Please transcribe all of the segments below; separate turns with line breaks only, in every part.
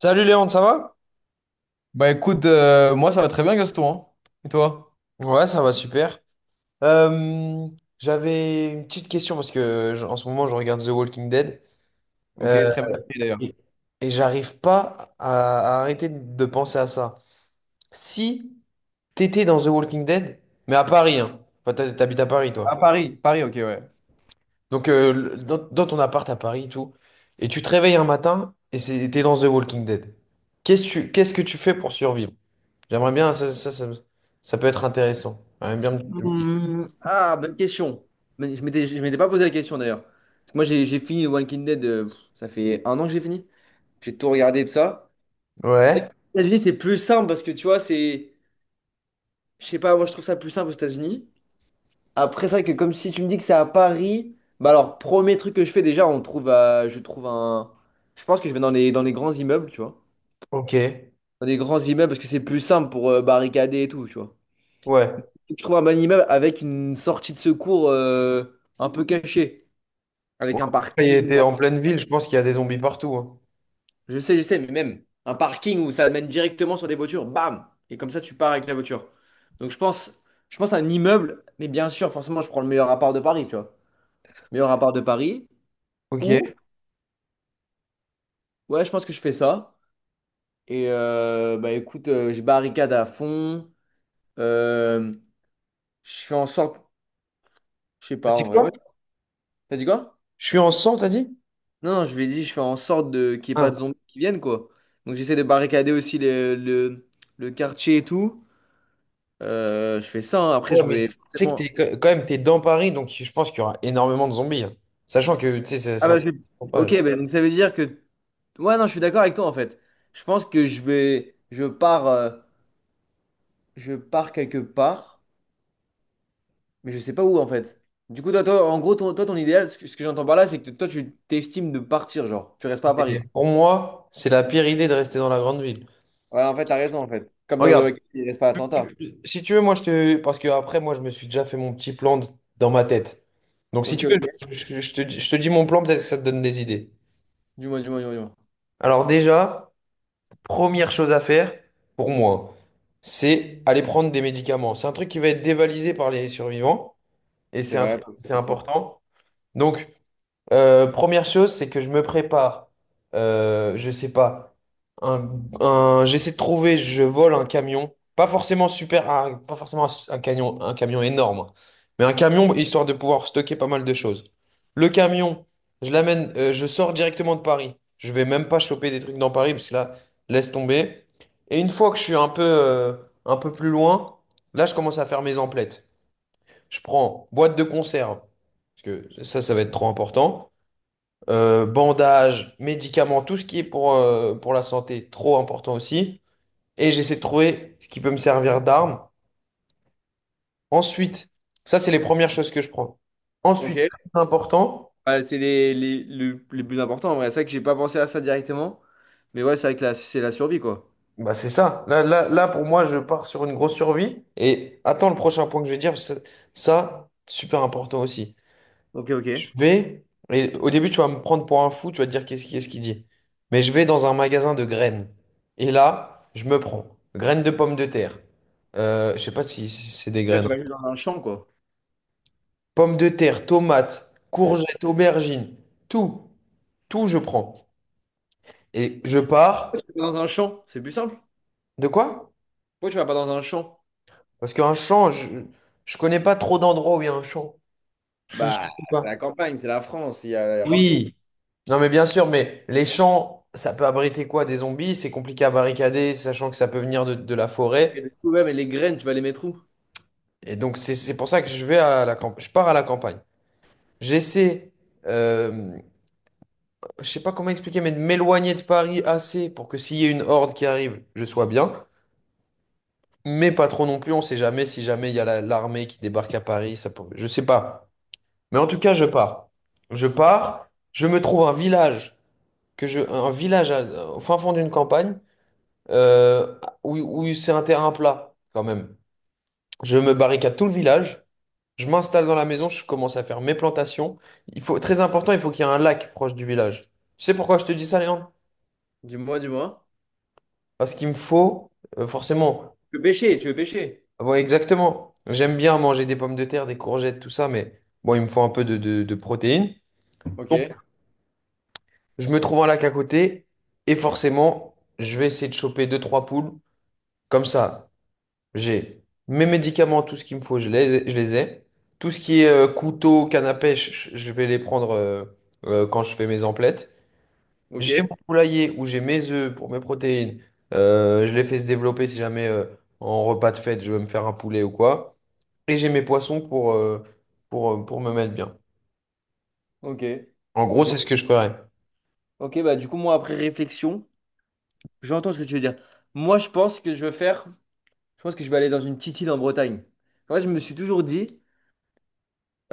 Salut Léon, ça va?
Bah écoute, moi ça va très bien Gaston, hein. Et toi?
Ouais, ça va super. Euh, J'avais une petite question parce que en ce moment je regarde The Walking Dead,
Ok,
euh,
très bien pris, d'ailleurs.
et, et j'arrive pas à arrêter de penser à ça. Si t'étais dans The Walking Dead, mais à Paris, hein. Enfin, t'habites à Paris,
À
toi.
Paris, Paris, ok, ouais.
Donc dans ton appart à Paris et tout, et tu te réveilles un matin et t'es dans The Walking Dead. Qu'est-ce que qu'est-ce que tu fais pour survivre? J'aimerais bien, ça peut être intéressant. J'aimerais bien que tu me dises.
Bonne question. Mais je m'étais pas posé la question d'ailleurs. Parce que moi, j'ai fini Walking Dead, ça fait un an que j'ai fini. J'ai tout regardé de ça. C'est vrai que
Ouais.
les États-Unis, c'est plus simple parce que tu vois, c'est, je sais pas, moi, je trouve ça plus simple aux États-Unis. Après, c'est vrai que comme si tu me dis que c'est à Paris, bah alors, premier truc que je fais déjà, je trouve un. Je pense que je vais dans les grands immeubles, tu vois.
Ok. Ouais.
Dans des grands immeubles parce que c'est plus simple pour barricader et tout, tu vois.
Ouais.
Je trouve un bon immeuble avec une sortie de secours un peu cachée, avec un
Il
parking. ou
était
un-
en pleine ville, je pense qu'il y a des zombies partout, hein.
Je sais, mais même un parking où ça mène directement sur des voitures, bam! Et comme ça, tu pars avec la voiture. Donc je pense, je pense à un immeuble, mais bien sûr, forcément, je prends le meilleur appart de Paris, tu vois. Meilleur appart de Paris,
Ok.
ou, Ouais, je pense que je fais ça. Et bah écoute, je barricade à fond. Euh, je fais en sorte, je sais
T'as
pas, en
dit
vrai,
quoi?
ouais. T'as dit quoi?
Je suis en 100, t'as dit?
Non, non, je lui ai dit, je fais en sorte de qu'il n'y ait pas de
Ah.
zombies qui viennent, quoi. Donc j'essaie de barricader aussi le quartier et tout. Je fais ça, hein. Après
Ouais,
je
mais
vais
tu sais que
forcément...
t'es quand quand même t'es dans Paris, donc je pense qu'il y aura énormément de zombies, hein. Sachant que, tu sais, c'est
Ah
c'est un
bah
truc
je...
qui se propage.
Ok, bah, donc ça veut dire que... Ouais, non, je suis d'accord avec toi en fait. Je pense que je vais... Je pars quelque part, mais je sais pas où en fait. Du coup, toi en gros, ton idéal, ce que j'entends par là, c'est que toi, tu t'estimes de partir, genre. Tu restes pas à
Et
Paris.
pour moi, c'est la pire idée de rester dans la grande ville.
Ouais, en fait,
Parce
t'as
que,
raison en fait. Comme dans... The
regarde,
Walking Dead, il reste pas à Atlanta.
tu- si tu veux, moi je te. Parce que après, moi, je me suis déjà fait mon petit dans ma tête. Donc si
Ok,
tu veux,
ok.
je te dis mon plan, peut-être que ça te donne des idées.
Dis-moi, dis-moi, dis-moi, dis-moi.
Alors déjà. Première chose à faire, pour moi, c'est aller prendre des médicaments. C'est un truc qui va être dévalisé par les survivants et
C'est
c'est un
vrai.
truc, c'est important. Donc, première chose, c'est que je me prépare. Je sais pas. Un, J'essaie de trouver, je vole un camion. Pas forcément super, pas forcément un camion énorme, hein. Mais un camion histoire de pouvoir stocker pas mal de choses. Le camion, je l'amène, je sors directement de Paris. Je vais même pas choper des trucs dans Paris parce que là, laisse tomber. Et une fois que je suis un peu plus loin, là, je commence à faire mes emplettes. Je prends boîte de conserve parce que ça va être trop important, bandages, médicaments, tout ce qui est pour la santé, trop important aussi. Et j'essaie de trouver ce qui peut me servir d'arme. Ensuite, ça, c'est les premières choses que je prends.
Ok.
Ensuite, très important,
Bah, c'est les plus importants en vrai. C'est vrai que j'ai pas pensé à ça directement. Mais ouais, c'est vrai que c'est la survie, quoi.
bah c'est ça. Là, pour moi, je pars sur une grosse survie. Et attends le prochain point que je vais dire, parce que ça, super important aussi.
Ok, ok.
vais, et au début, tu vas me prendre pour un fou, tu vas te dire qu'est-ce quest ce qu'il dit. Mais je vais dans un magasin de graines. Et là, je me prends graines de pommes de terre. Je sais pas si c'est des
Là,
graines,
tu vas
hein.
juste dans un champ, quoi.
Pommes de terre, tomates, courgettes, aubergines, tout, tout je prends. Et je pars.
Dans un champ, c'est plus simple.
De quoi?
Pourquoi tu vas pas dans un champ?
Parce qu'un champ, je connais pas trop d'endroits où il y a un champ. Je
Bah,
sais
c'est
pas.
la campagne, c'est la France, il y a partout.
Oui, non, mais bien sûr, mais les champs, ça peut abriter quoi? Des zombies? C'est compliqué à barricader, sachant que ça peut venir de la
Mais
forêt.
le problème, et les graines, tu vas les mettre où?
Et donc, c'est pour ça que je vais à la campagne. Je pars à la campagne. J'essaie, euh, je sais pas comment expliquer, mais de m'éloigner de Paris assez pour que s'il y a une horde qui arrive, je sois bien. Mais pas trop non plus, on sait jamais si jamais il y a l'armée qui débarque à Paris. Je sais pas. Mais en tout cas, je pars. Je pars, je me trouve un village, un village au fin fond d'une campagne, euh, où c'est un terrain plat quand même. Je me barricade tout le village, je m'installe dans la maison, je commence à faire mes plantations. Il faut, très important, il faut qu'il y ait un lac proche du village. Tu sais pourquoi je te dis ça, Léon?
Dis-moi, dis-moi.
Parce qu'il me faut, forcément,
Tu veux pêcher, tu veux pêcher.
ah bon, exactement. J'aime bien manger des pommes de terre, des courgettes, tout ça, mais bon, il me faut un peu de protéines.
Ok,
Donc, je me trouve un lac à côté et forcément, je vais essayer de choper deux, trois poules. Comme ça, j'ai mes médicaments, tout ce qu'il me faut, je les ai. Tout ce qui est couteau, canne à pêche, je vais les prendre quand je fais mes emplettes.
ok,
J'ai mon poulailler où j'ai mes œufs pour mes protéines. Je les fais se développer si jamais, en repas de fête, je veux me faire un poulet ou quoi. Et j'ai mes poissons pour, pour me mettre bien.
ok,
En gros,
ok.
c'est ce que je ferais.
Ok, bah du coup, moi, après réflexion, j'entends ce que tu veux dire. Moi, je pense que je veux faire. Je pense que je vais aller dans une petite île en Bretagne. En fait, je me suis toujours dit,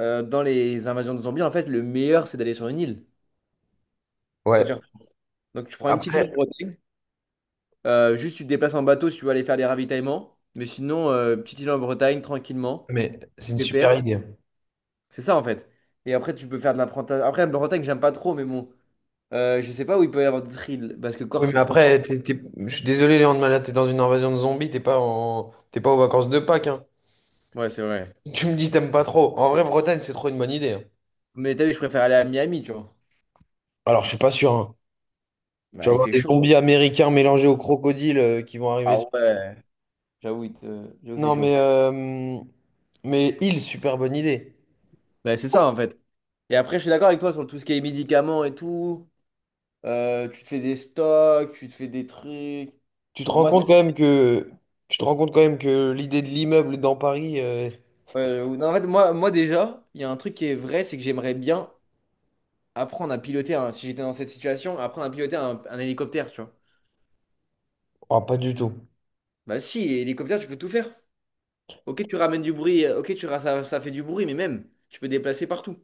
dans les invasions de zombies, en fait, le meilleur, c'est d'aller sur une île. Quand tu
Ouais.
repars. Donc, tu prends une petite île
Après,
en Bretagne. Juste, tu te déplaces en bateau si tu veux aller faire des ravitaillements. Mais sinon, petite île en Bretagne, tranquillement,
mais c'est une super
pépère.
idée.
C'est ça, en fait. Et après, tu peux faire de l'apprentissage. Après, la Bretagne, j'aime pas trop, mais bon. Je sais pas où il peut y avoir d'autres îles, parce que
Oui,
Corse, c'est
mais
trop grand.
après, je suis désolé, Léon de Malade, t'es dans une invasion de zombies, t'es pas en... t'es pas aux vacances de Pâques, hein.
Ouais, c'est vrai.
Tu me dis t'aimes pas trop. En vrai, Bretagne, c'est trop une bonne idée, hein.
Mais t'as vu, je préfère aller à Miami, tu vois.
Alors, je suis pas sûr, hein. Tu
Bah,
vas
il
avoir
fait
des
chaud.
zombies américains mélangés aux crocodiles, qui vont arriver
Ah ouais. J'avoue, c'est
Non,
chaud.
mais île, super bonne idée.
Ouais, c'est ça en fait. Et après, je suis d'accord avec toi sur tout ce qui est médicaments et tout. Tu te fais des stocks, tu te fais des trucs.
Tu te rends
Moi,
compte quand
c'est-
même que tu te rends compte quand même que l'idée de l'immeuble dans Paris,
non, en fait, moi déjà, il y a un truc qui est vrai, c'est que j'aimerais bien apprendre à piloter, un, si j'étais dans cette situation, apprendre à piloter un hélicoptère, tu vois.
oh, pas du tout.
Bah si, hélicoptère, tu peux tout faire. Ok, tu ramènes du bruit, ok, ça, ça fait du bruit, mais même, tu peux déplacer partout.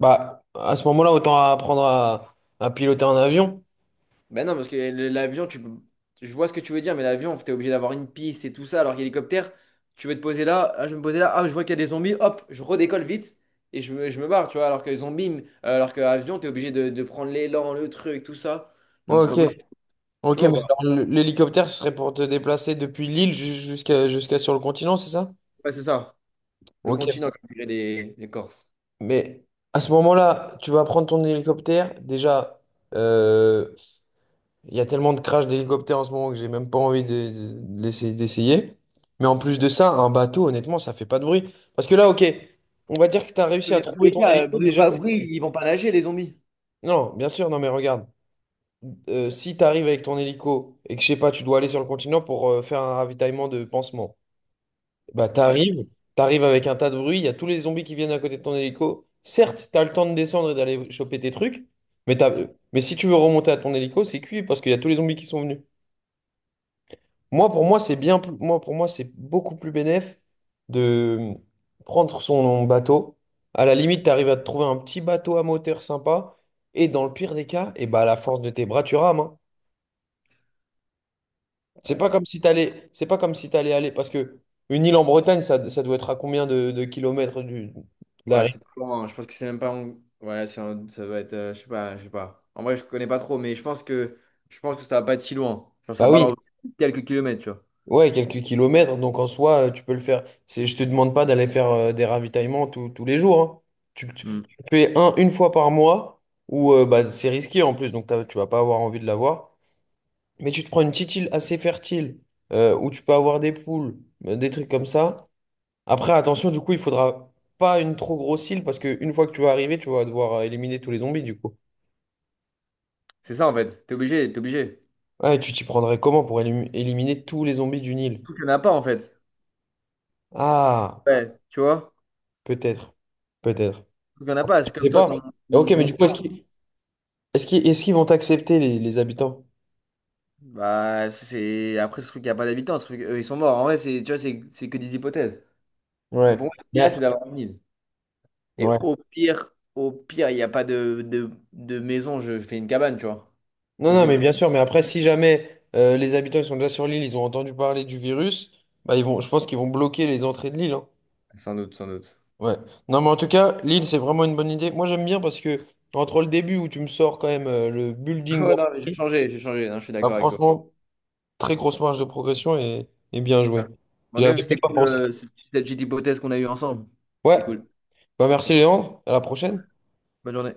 Bah, à ce moment-là, autant apprendre à piloter un avion.
Ben non, parce que le- L'avion, tu peux... Je vois ce que tu veux dire, mais l'avion, t'es obligé d'avoir une piste et tout ça, alors qu'hélicoptère, tu veux te poser là, ah, je vais me poser là, ah, je vois qu'il y a des zombies, hop, je redécolle vite et je me barre, tu vois, alors que avion, t'es obligé de prendre l'élan, le truc, tout ça.
Ouais,
Donc c'est pas
ok.
possible. Tu
Ok,
vois,
mais
bah,
alors, l'hélicoptère ce serait pour te déplacer depuis l'île jusqu'à sur le continent, c'est ça?
ouais, c'est ça, le
Ok.
continent, comme diraient les Corses.
Mais à ce moment-là, tu vas prendre ton hélicoptère. Déjà, euh, il y a tellement de crash d'hélicoptères en ce moment que j'ai même pas envie d'essayer. Mais en plus de ça, un bateau, honnêtement, ça fait pas de bruit. Parce que là, ok, on va dire que tu as réussi à
Mais dans tous
trouver
les
ton
cas,
hélico.
bruit ou pas bruit, ils vont pas nager, les zombies.
Non, bien sûr, non, mais regarde. Si tu arrives avec ton hélico et que, je sais pas, tu dois aller sur le continent pour, faire un ravitaillement de pansement. Bah, t'arrives avec un tas de bruit, il y a tous les zombies qui viennent à côté de ton hélico. Certes, t'as le temps de descendre et d'aller choper tes trucs, mais t'as- mais si tu veux remonter à ton hélico, c'est cuit parce qu'il y a tous les zombies qui sont venus. Moi, pour moi, c'est bien plus... moi, pour moi, c'est beaucoup plus bénéf de prendre son bateau. À la limite, t'arrives à te trouver un petit bateau à moteur sympa, et dans le pire des cas, et bah, à la force de tes bras, tu rames, hein.
Ouais.
C'est pas comme si t'allais aller, parce que une île en Bretagne, ça doit être à combien de kilomètres de la
Ouais, c'est pas loin. Je pense que c'est même pas. Ouais, ça doit être, je sais pas, je sais pas. En vrai, je connais pas trop, mais je pense que ça va pas être si loin. Genre, ça
Bah
parle
oui,
en quelques kilomètres, tu vois.
ouais, quelques kilomètres, donc en soi, tu peux le faire. C'est, je te demande pas d'aller faire, des ravitaillements tous les jours, hein.
Hmm.
Tu le fais un une fois par mois, ou bah, c'est risqué en plus, donc tu vas pas avoir envie de l'avoir. Mais tu te prends une petite île assez fertile, où tu peux avoir des poules, des trucs comme ça. Après, attention, du coup, il faudra pas une trop grosse île, parce qu'une fois que tu vas arriver, tu vas devoir, éliminer tous les zombies, du coup.
C'est ça en fait. T'es obligé, t'es obligé.
Ouais, tu t'y prendrais comment pour éliminer tous les zombies d'une île?
Tout qu'il y en a pas en fait.
Ah,
Ouais, tu vois.
peut-être, peut-être.
Tout qu'il y en a pas. C'est
Je sais
comme toi,
pas. Ok, mais
ton
du coup,
champ.
est-ce qu'ils est-ce qu'ils vont accepter les habitants?
Bah, c'est. Après, ce truc, il y a pas d'habitants. Ce truc, eux, ils sont morts. En vrai, c'est, tu vois, c'est que des hypothèses. Mais
Ouais.
pour moi, l'idéal,
Mais-
c'est d'avoir une île. Et
ouais.
au pire, il n'y a pas de maison, je fais une cabane, tu vois.
Non,
Ou
non,
je...
mais bien sûr, mais après, si jamais, les habitants ils sont déjà sur l'île, ils ont entendu parler du virus, bah, je pense qu'ils vont bloquer les entrées de l'île, hein.
Sans doute, sans doute.
Ouais. Non, mais en tout cas, l'île, c'est vraiment une bonne idée. Moi, j'aime bien parce que entre le début où tu me sors quand même, le building
Ouais, non, mais
d'April,
j'ai changé, non, je suis
bah,
d'accord avec toi.
franchement, très grosse marge de progression et bien joué.
En
J'y
tout cas,
avais
c'était
même pas
cool,
pensé.
cette petite hypothèse qu'on a eue ensemble.
Ouais.
C'était cool.
Bah, merci, Léandre. À la prochaine.
Bonne journée.